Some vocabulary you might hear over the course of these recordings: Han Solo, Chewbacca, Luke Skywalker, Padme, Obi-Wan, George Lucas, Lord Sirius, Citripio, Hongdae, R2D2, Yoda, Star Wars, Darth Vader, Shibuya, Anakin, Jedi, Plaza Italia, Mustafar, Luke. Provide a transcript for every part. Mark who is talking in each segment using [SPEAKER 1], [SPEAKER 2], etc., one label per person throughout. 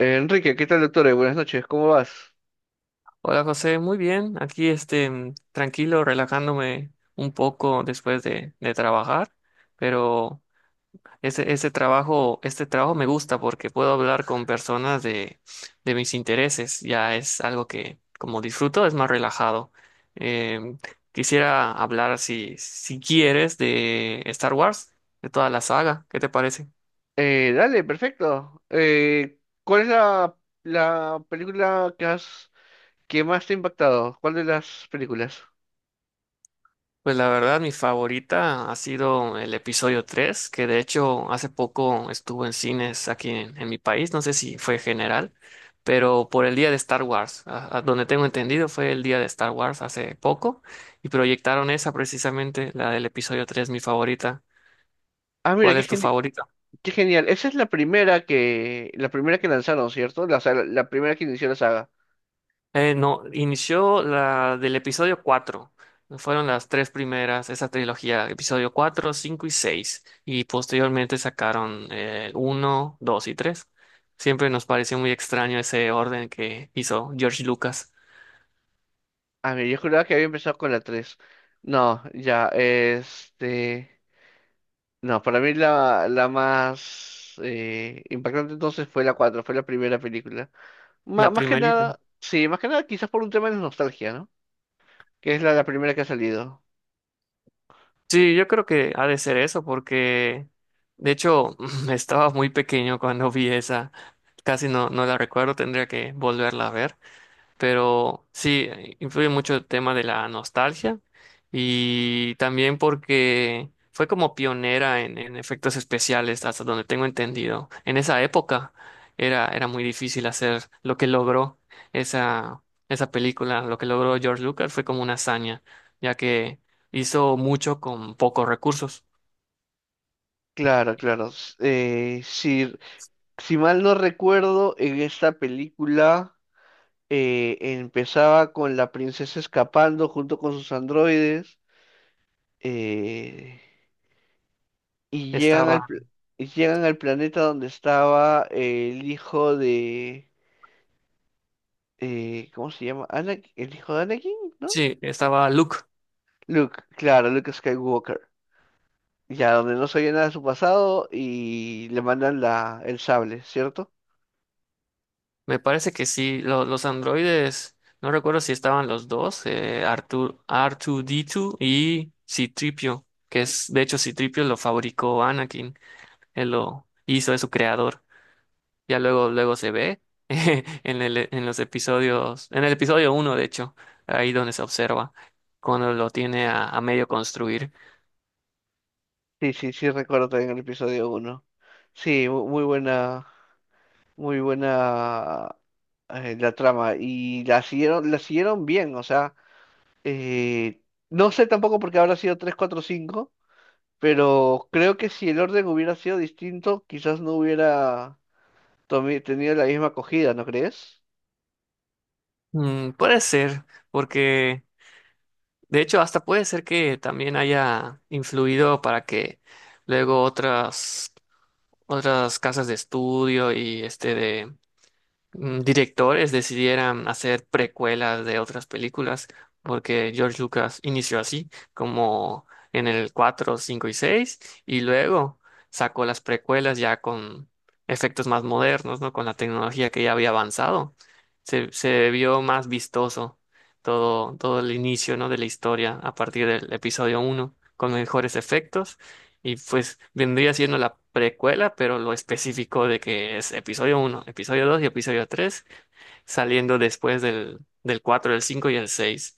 [SPEAKER 1] Enrique, ¿qué tal, doctor? Buenas noches, ¿cómo vas?
[SPEAKER 2] Hola José, muy bien. Aquí tranquilo, relajándome un poco después de trabajar, pero este trabajo me gusta porque puedo hablar con personas de mis intereses. Ya es algo que como disfruto, es más relajado. Em, Quisiera hablar si quieres de Star Wars, de toda la saga. ¿Qué te parece?
[SPEAKER 1] Dale, perfecto. ¿Cuál es la película que más te ha impactado? ¿Cuál de las películas?
[SPEAKER 2] Pues la verdad, mi favorita ha sido el episodio 3 que de hecho hace poco estuvo en cines aquí en mi país, no sé si fue general, pero por el día de Star Wars, a donde tengo entendido fue el día de Star Wars hace poco, y proyectaron esa precisamente, la del episodio 3 mi favorita.
[SPEAKER 1] Ah, mira,
[SPEAKER 2] ¿Cuál es tu favorita?
[SPEAKER 1] qué genial. Esa es la primera la primera que lanzaron, ¿cierto? La primera que inició la saga.
[SPEAKER 2] No, inició la del episodio 4. Fueron las tres primeras, esa trilogía, episodio 4, 5 y 6, y posteriormente sacaron 1, 2 y 3. Siempre nos pareció muy extraño ese orden que hizo George Lucas.
[SPEAKER 1] Ah, mira, yo juraba que había empezado con la 3. No, ya, no, para mí la más impactante entonces fue la 4, fue la primera película.
[SPEAKER 2] La
[SPEAKER 1] Más que
[SPEAKER 2] primerita.
[SPEAKER 1] nada, sí, más que nada quizás por un tema de nostalgia, ¿no? Que es la primera que ha salido.
[SPEAKER 2] Sí, yo creo que ha de ser eso, porque de hecho estaba muy pequeño cuando vi esa. Casi no, no la recuerdo, tendría que volverla a ver. Pero sí, influye mucho el tema de la nostalgia y también porque fue como pionera en efectos especiales, hasta donde tengo entendido. En esa época era muy difícil hacer lo que logró esa, esa película, lo que logró George Lucas fue como una hazaña, ya que hizo mucho con pocos recursos.
[SPEAKER 1] Claro, claro. Si, si mal no recuerdo, en esta película empezaba con la princesa escapando junto con sus androides eh, y llegan al,
[SPEAKER 2] Estaba,
[SPEAKER 1] pl- y llegan al planeta donde estaba el hijo de... ¿cómo se llama? El hijo de Anakin, ¿no?
[SPEAKER 2] sí, estaba Luke.
[SPEAKER 1] Luke, claro, Luke Skywalker. Ya, donde no se oye nada de su pasado y le mandan el sable, ¿cierto?
[SPEAKER 2] Me parece que sí, los androides, no recuerdo si estaban los dos, Artur, R2D2 y Citripio, que es, de hecho, Citripio lo fabricó Anakin, él lo hizo, es su creador. Ya luego se ve en en los episodios, en el episodio uno de hecho, ahí donde se observa, cuando lo tiene a medio construir.
[SPEAKER 1] Sí, sí, sí, recuerdo también el episodio uno. Sí, muy buena la trama. Y la siguieron bien, o sea, eh, no sé tampoco porque habrá sido 3 4 cinco, pero creo que si el orden hubiera sido distinto, quizás no hubiera tenido la misma acogida, ¿no crees?
[SPEAKER 2] Mm, puede ser, porque de hecho, hasta puede ser que también haya influido para que luego otras. Otras casas de estudio y directores decidieran hacer precuelas de otras películas, porque George Lucas inició así, como en el 4 5 y 6 y luego sacó las precuelas ya con efectos más modernos, ¿no? Con la tecnología que ya había avanzado. Se vio más vistoso todo el inicio, ¿no? De la historia a partir del episodio uno con mejores efectos y pues vendría siendo la precuela, pero lo específico de que es episodio uno episodio 2 y episodio 3 saliendo después del 4 el 5 y el seis.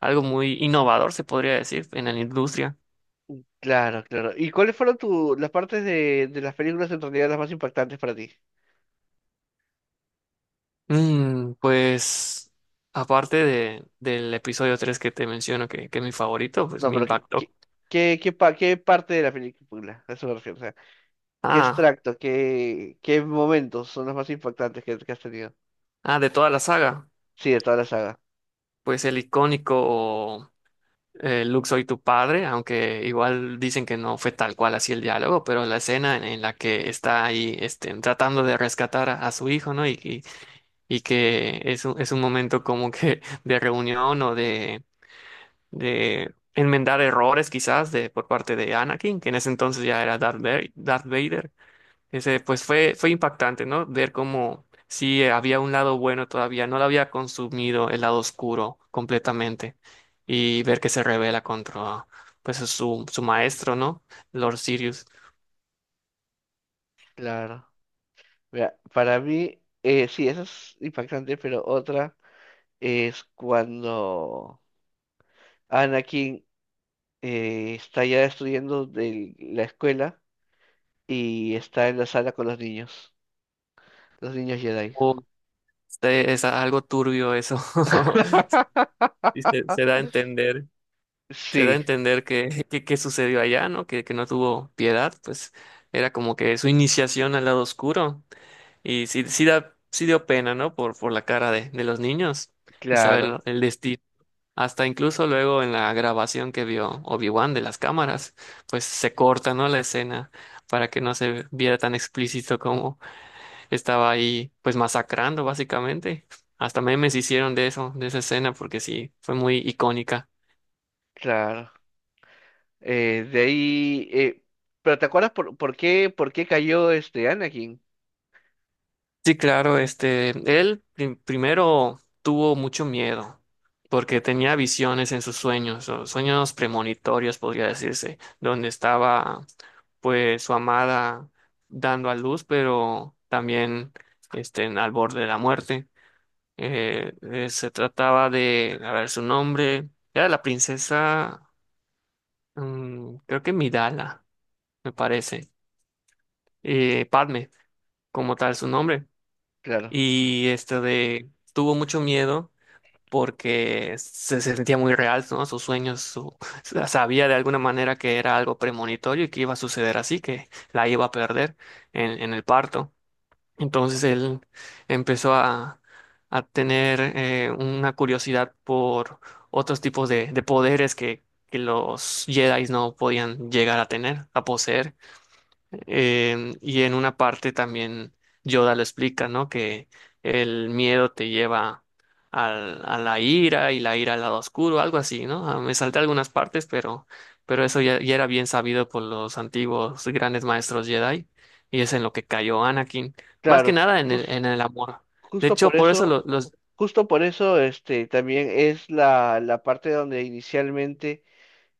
[SPEAKER 2] Algo muy innovador, se podría decir, en la industria.
[SPEAKER 1] Claro, claro. ¿Y cuáles fueron tu, las partes de las películas en realidad las más impactantes para ti?
[SPEAKER 2] Pues aparte del episodio 3 que te menciono, que es mi favorito, pues
[SPEAKER 1] No,
[SPEAKER 2] me
[SPEAKER 1] pero
[SPEAKER 2] impactó.
[SPEAKER 1] ¿qué parte de la película? A eso me refiero, o sea, ¿qué
[SPEAKER 2] Ah,
[SPEAKER 1] extracto, qué momentos son los más impactantes que has tenido?
[SPEAKER 2] de toda la saga,
[SPEAKER 1] Sí, de toda la saga.
[SPEAKER 2] pues el icónico Luke, soy tu padre, aunque igual dicen que no fue tal cual así el diálogo, pero la escena en la que está ahí este, tratando de rescatar a su hijo, ¿no? Y que es es un momento como que de reunión o de enmendar errores quizás de, por parte de Anakin, que en ese entonces ya era Darth Vader. Darth Vader. Ese, pues fue impactante, ¿no? Ver cómo sí había un lado bueno todavía, no lo había consumido el lado oscuro completamente y ver que se revela contra pues su maestro, ¿no? Lord Sirius.
[SPEAKER 1] Claro. Mira, para mí, sí, eso es impactante, pero otra es cuando Anakin está ya destruyendo la escuela y está en la sala con los niños Jedi.
[SPEAKER 2] Oh, este, es algo turbio eso. Y se da a entender, se da a
[SPEAKER 1] Sí,
[SPEAKER 2] entender que sucedió allá, ¿no? Que no tuvo piedad, pues era como que su iniciación al lado oscuro. Y sí, sí dio pena, ¿no? Por la cara de los niños y saber
[SPEAKER 1] claro,
[SPEAKER 2] el destino. Hasta incluso luego en la grabación que vio Obi-Wan de las cámaras, pues se corta, ¿no? La escena para que no se viera tan explícito como estaba ahí, pues masacrando básicamente. Hasta memes hicieron de eso, de esa escena, porque sí, fue muy icónica.
[SPEAKER 1] claro. Eh, de ahí, eh, pero ¿te acuerdas por qué por qué cayó este Anakin?
[SPEAKER 2] Sí, claro, este, primero tuvo mucho miedo porque tenía visiones en sus sueños, o sueños premonitorios, podría decirse, donde estaba pues su amada dando a luz, pero también este, al borde de la muerte. Se trataba de, a ver, su nombre era la princesa, creo que Midala, me parece, Padme, como tal su nombre,
[SPEAKER 1] Claro,
[SPEAKER 2] y tuvo mucho miedo porque se sentía muy real, ¿no? Sus sueños, su, sabía de alguna manera que era algo premonitorio y que iba a suceder así, que la iba a perder en el parto. Entonces él empezó a, a tener una curiosidad por otros tipos de poderes que los Jedi no podían llegar a tener, a poseer. Y en una parte también Yoda lo explica, ¿no? Que el miedo te lleva a la ira y la ira al lado oscuro, algo así, ¿no? Me salté algunas partes, pero eso ya, ya era bien sabido por los antiguos grandes maestros Jedi y es en lo que cayó Anakin, más que
[SPEAKER 1] claro,
[SPEAKER 2] nada en
[SPEAKER 1] jus-
[SPEAKER 2] en el amor. De
[SPEAKER 1] justo por
[SPEAKER 2] hecho, por eso
[SPEAKER 1] eso,
[SPEAKER 2] los.
[SPEAKER 1] justo por eso, este, también es la parte donde inicialmente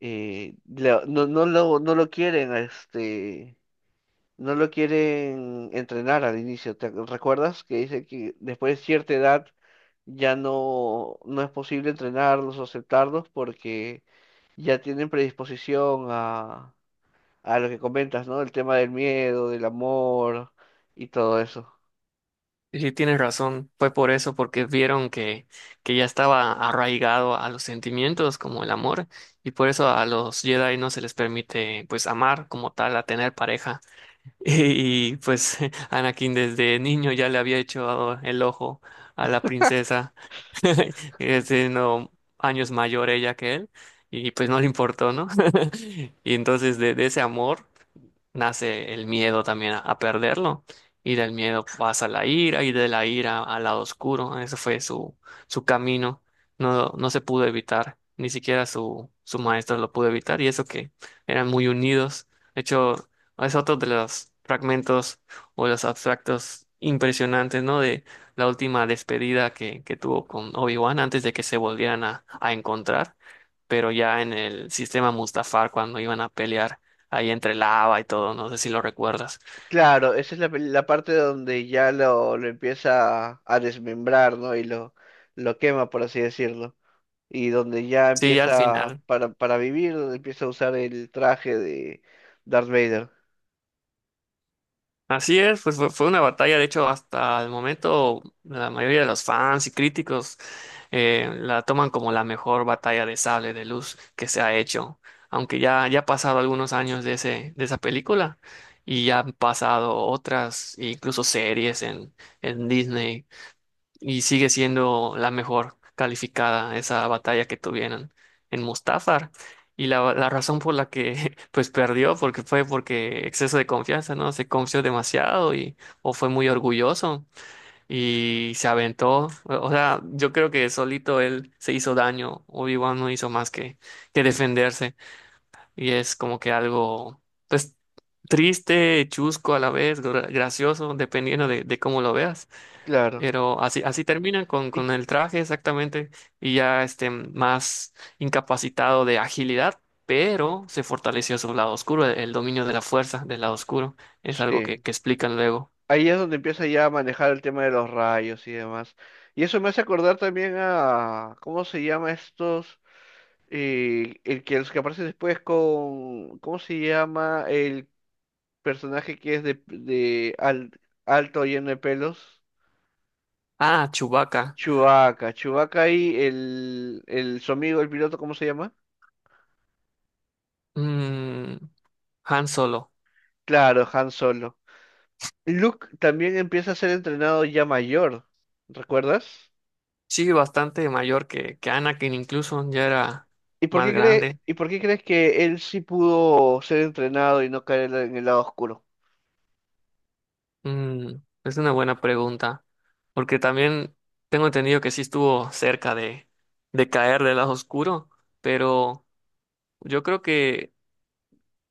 [SPEAKER 1] no, no lo quieren, este, no lo quieren entrenar al inicio. ¿ Recuerdas que dice que después de cierta edad ya no, no es posible entrenarlos o aceptarlos porque ya tienen predisposición a lo que comentas, ¿no? El tema del miedo, del amor y todo eso.
[SPEAKER 2] Sí, sí, tienes razón, fue por eso, porque vieron que ya estaba arraigado a los sentimientos como el amor, y por eso a los Jedi no se les permite pues amar como tal, a tener pareja. Y, pues Anakin desde niño ya le había hecho el ojo a la princesa, siendo años mayor ella que él, y pues no le importó, ¿no? Y entonces de ese amor nace el miedo también a perderlo. Y del miedo pasa la ira y de la ira al lado oscuro. Ese fue su camino. No, no se pudo evitar. Ni siquiera su maestro lo pudo evitar. Y eso que eran muy unidos. De hecho, es otro de los fragmentos o los abstractos impresionantes, ¿no? De la última despedida que tuvo con Obi-Wan antes de que se volvieran a encontrar pero ya en el sistema Mustafar cuando iban a pelear ahí entre lava y todo, no sé si lo recuerdas.
[SPEAKER 1] Claro, esa es la parte donde ya lo empieza a desmembrar, ¿no? Y lo quema, por así decirlo. Y donde ya
[SPEAKER 2] Sí, ya al
[SPEAKER 1] empieza,
[SPEAKER 2] final.
[SPEAKER 1] para vivir, donde empieza a usar el traje de Darth Vader.
[SPEAKER 2] Así es, pues fue una batalla, de hecho, hasta el momento la mayoría de los fans y críticos la toman como la mejor batalla de sable de luz que se ha hecho, aunque ya ha pasado algunos años de de esa película y ya han pasado otras, incluso series en Disney y sigue siendo la mejor calificada esa batalla que tuvieron en Mustafar. Y la razón por la que pues perdió porque fue porque exceso de confianza, ¿no? Se confió demasiado y o fue muy orgulloso y se aventó. O sea, yo creo que solito él se hizo daño. Obi-Wan no hizo más que defenderse y es como que algo pues triste, chusco a la vez, gracioso, dependiendo de cómo lo veas.
[SPEAKER 1] Claro.
[SPEAKER 2] Pero así, así terminan
[SPEAKER 1] Y-
[SPEAKER 2] con el traje exactamente y ya este más incapacitado de agilidad, pero se fortaleció su lado oscuro, el dominio de la fuerza del lado oscuro. Es algo
[SPEAKER 1] Sí,
[SPEAKER 2] que explican luego.
[SPEAKER 1] ahí es donde empieza ya a manejar el tema de los rayos y demás. Y eso me hace acordar también a, ¿cómo se llama estos? El que Los que aparece después con, ¿cómo se llama? El personaje que es alto lleno de pelos.
[SPEAKER 2] Ah, Chewbacca.
[SPEAKER 1] Chewbacca, Chewbacca y el su amigo, el piloto, ¿cómo se llama?
[SPEAKER 2] Mm, Han Solo.
[SPEAKER 1] Claro, Han Solo. Luke también empieza a ser entrenado ya mayor, ¿recuerdas?
[SPEAKER 2] Sí, bastante mayor que Anakin, incluso ya era más grande.
[SPEAKER 1] ¿Y por qué crees que él sí pudo ser entrenado y no caer en el lado oscuro?
[SPEAKER 2] Mm, es una buena pregunta, porque también tengo entendido que sí estuvo cerca de caer del lado oscuro, pero... Yo creo que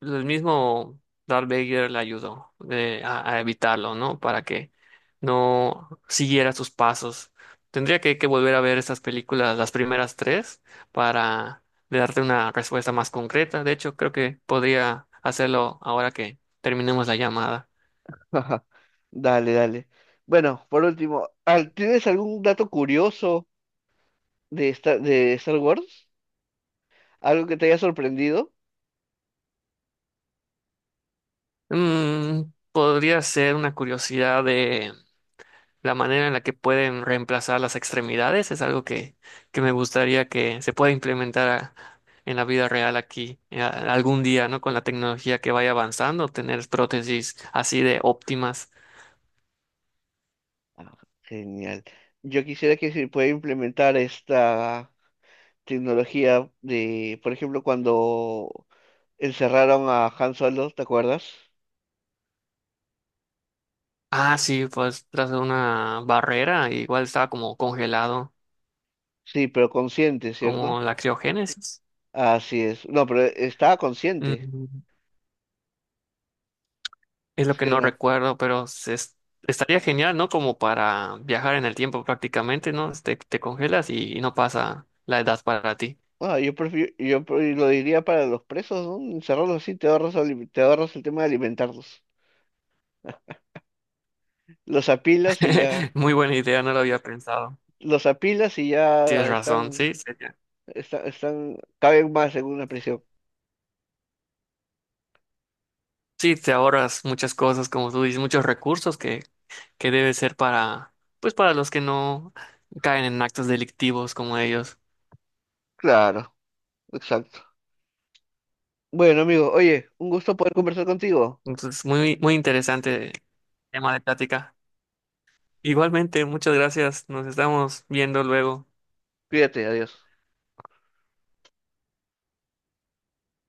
[SPEAKER 2] el mismo Darth Vader le ayudó a evitarlo, ¿no? Para que no siguiera sus pasos. Tendría que volver a ver estas películas, las primeras tres, para darte una respuesta más concreta. De hecho, creo que podría hacerlo ahora que terminemos la llamada.
[SPEAKER 1] Dale, dale. Bueno, por último, ¿tienes algún dato curioso de Star Wars? ¿Algo que te haya sorprendido?
[SPEAKER 2] Mm, podría ser una curiosidad de... la manera en la que pueden reemplazar las extremidades es algo que me gustaría que se pueda implementar en la vida real aquí algún día, ¿no? Con la tecnología que vaya avanzando, tener prótesis así de óptimas.
[SPEAKER 1] Ah, genial. Yo quisiera que se pueda implementar esta tecnología de, por ejemplo, cuando encerraron a Han Solo, ¿te acuerdas?
[SPEAKER 2] Ah, sí, pues tras una barrera, igual estaba como congelado,
[SPEAKER 1] Sí, pero consciente,
[SPEAKER 2] como
[SPEAKER 1] ¿cierto?
[SPEAKER 2] la criogénesis.
[SPEAKER 1] Así es. No, pero estaba consciente,
[SPEAKER 2] Mm, es lo
[SPEAKER 1] ¿sí
[SPEAKER 2] que
[SPEAKER 1] o
[SPEAKER 2] no
[SPEAKER 1] no?
[SPEAKER 2] recuerdo, pero estaría genial, ¿no? Como para viajar en el tiempo prácticamente, ¿no? Te congelas y no pasa la edad para ti.
[SPEAKER 1] Ah, yo prefiero, lo diría para los presos, ¿no? Encerrarlos así, te ahorras el tema de alimentarlos. Los apilas y ya,
[SPEAKER 2] Muy buena idea, no lo había pensado.
[SPEAKER 1] los apilas y
[SPEAKER 2] Tienes
[SPEAKER 1] ya
[SPEAKER 2] razón,
[SPEAKER 1] están.
[SPEAKER 2] sí, sería.
[SPEAKER 1] Están, caben más en una prisión.
[SPEAKER 2] Sí, te ahorras muchas cosas, como tú dices, muchos recursos que debe ser para, pues para los que no caen en actos delictivos como ellos.
[SPEAKER 1] Claro, exacto. Bueno, amigo, oye, un gusto poder conversar contigo.
[SPEAKER 2] Entonces, muy interesante tema de plática. Igualmente, muchas gracias. Nos estamos viendo luego.
[SPEAKER 1] Cuídate, adiós.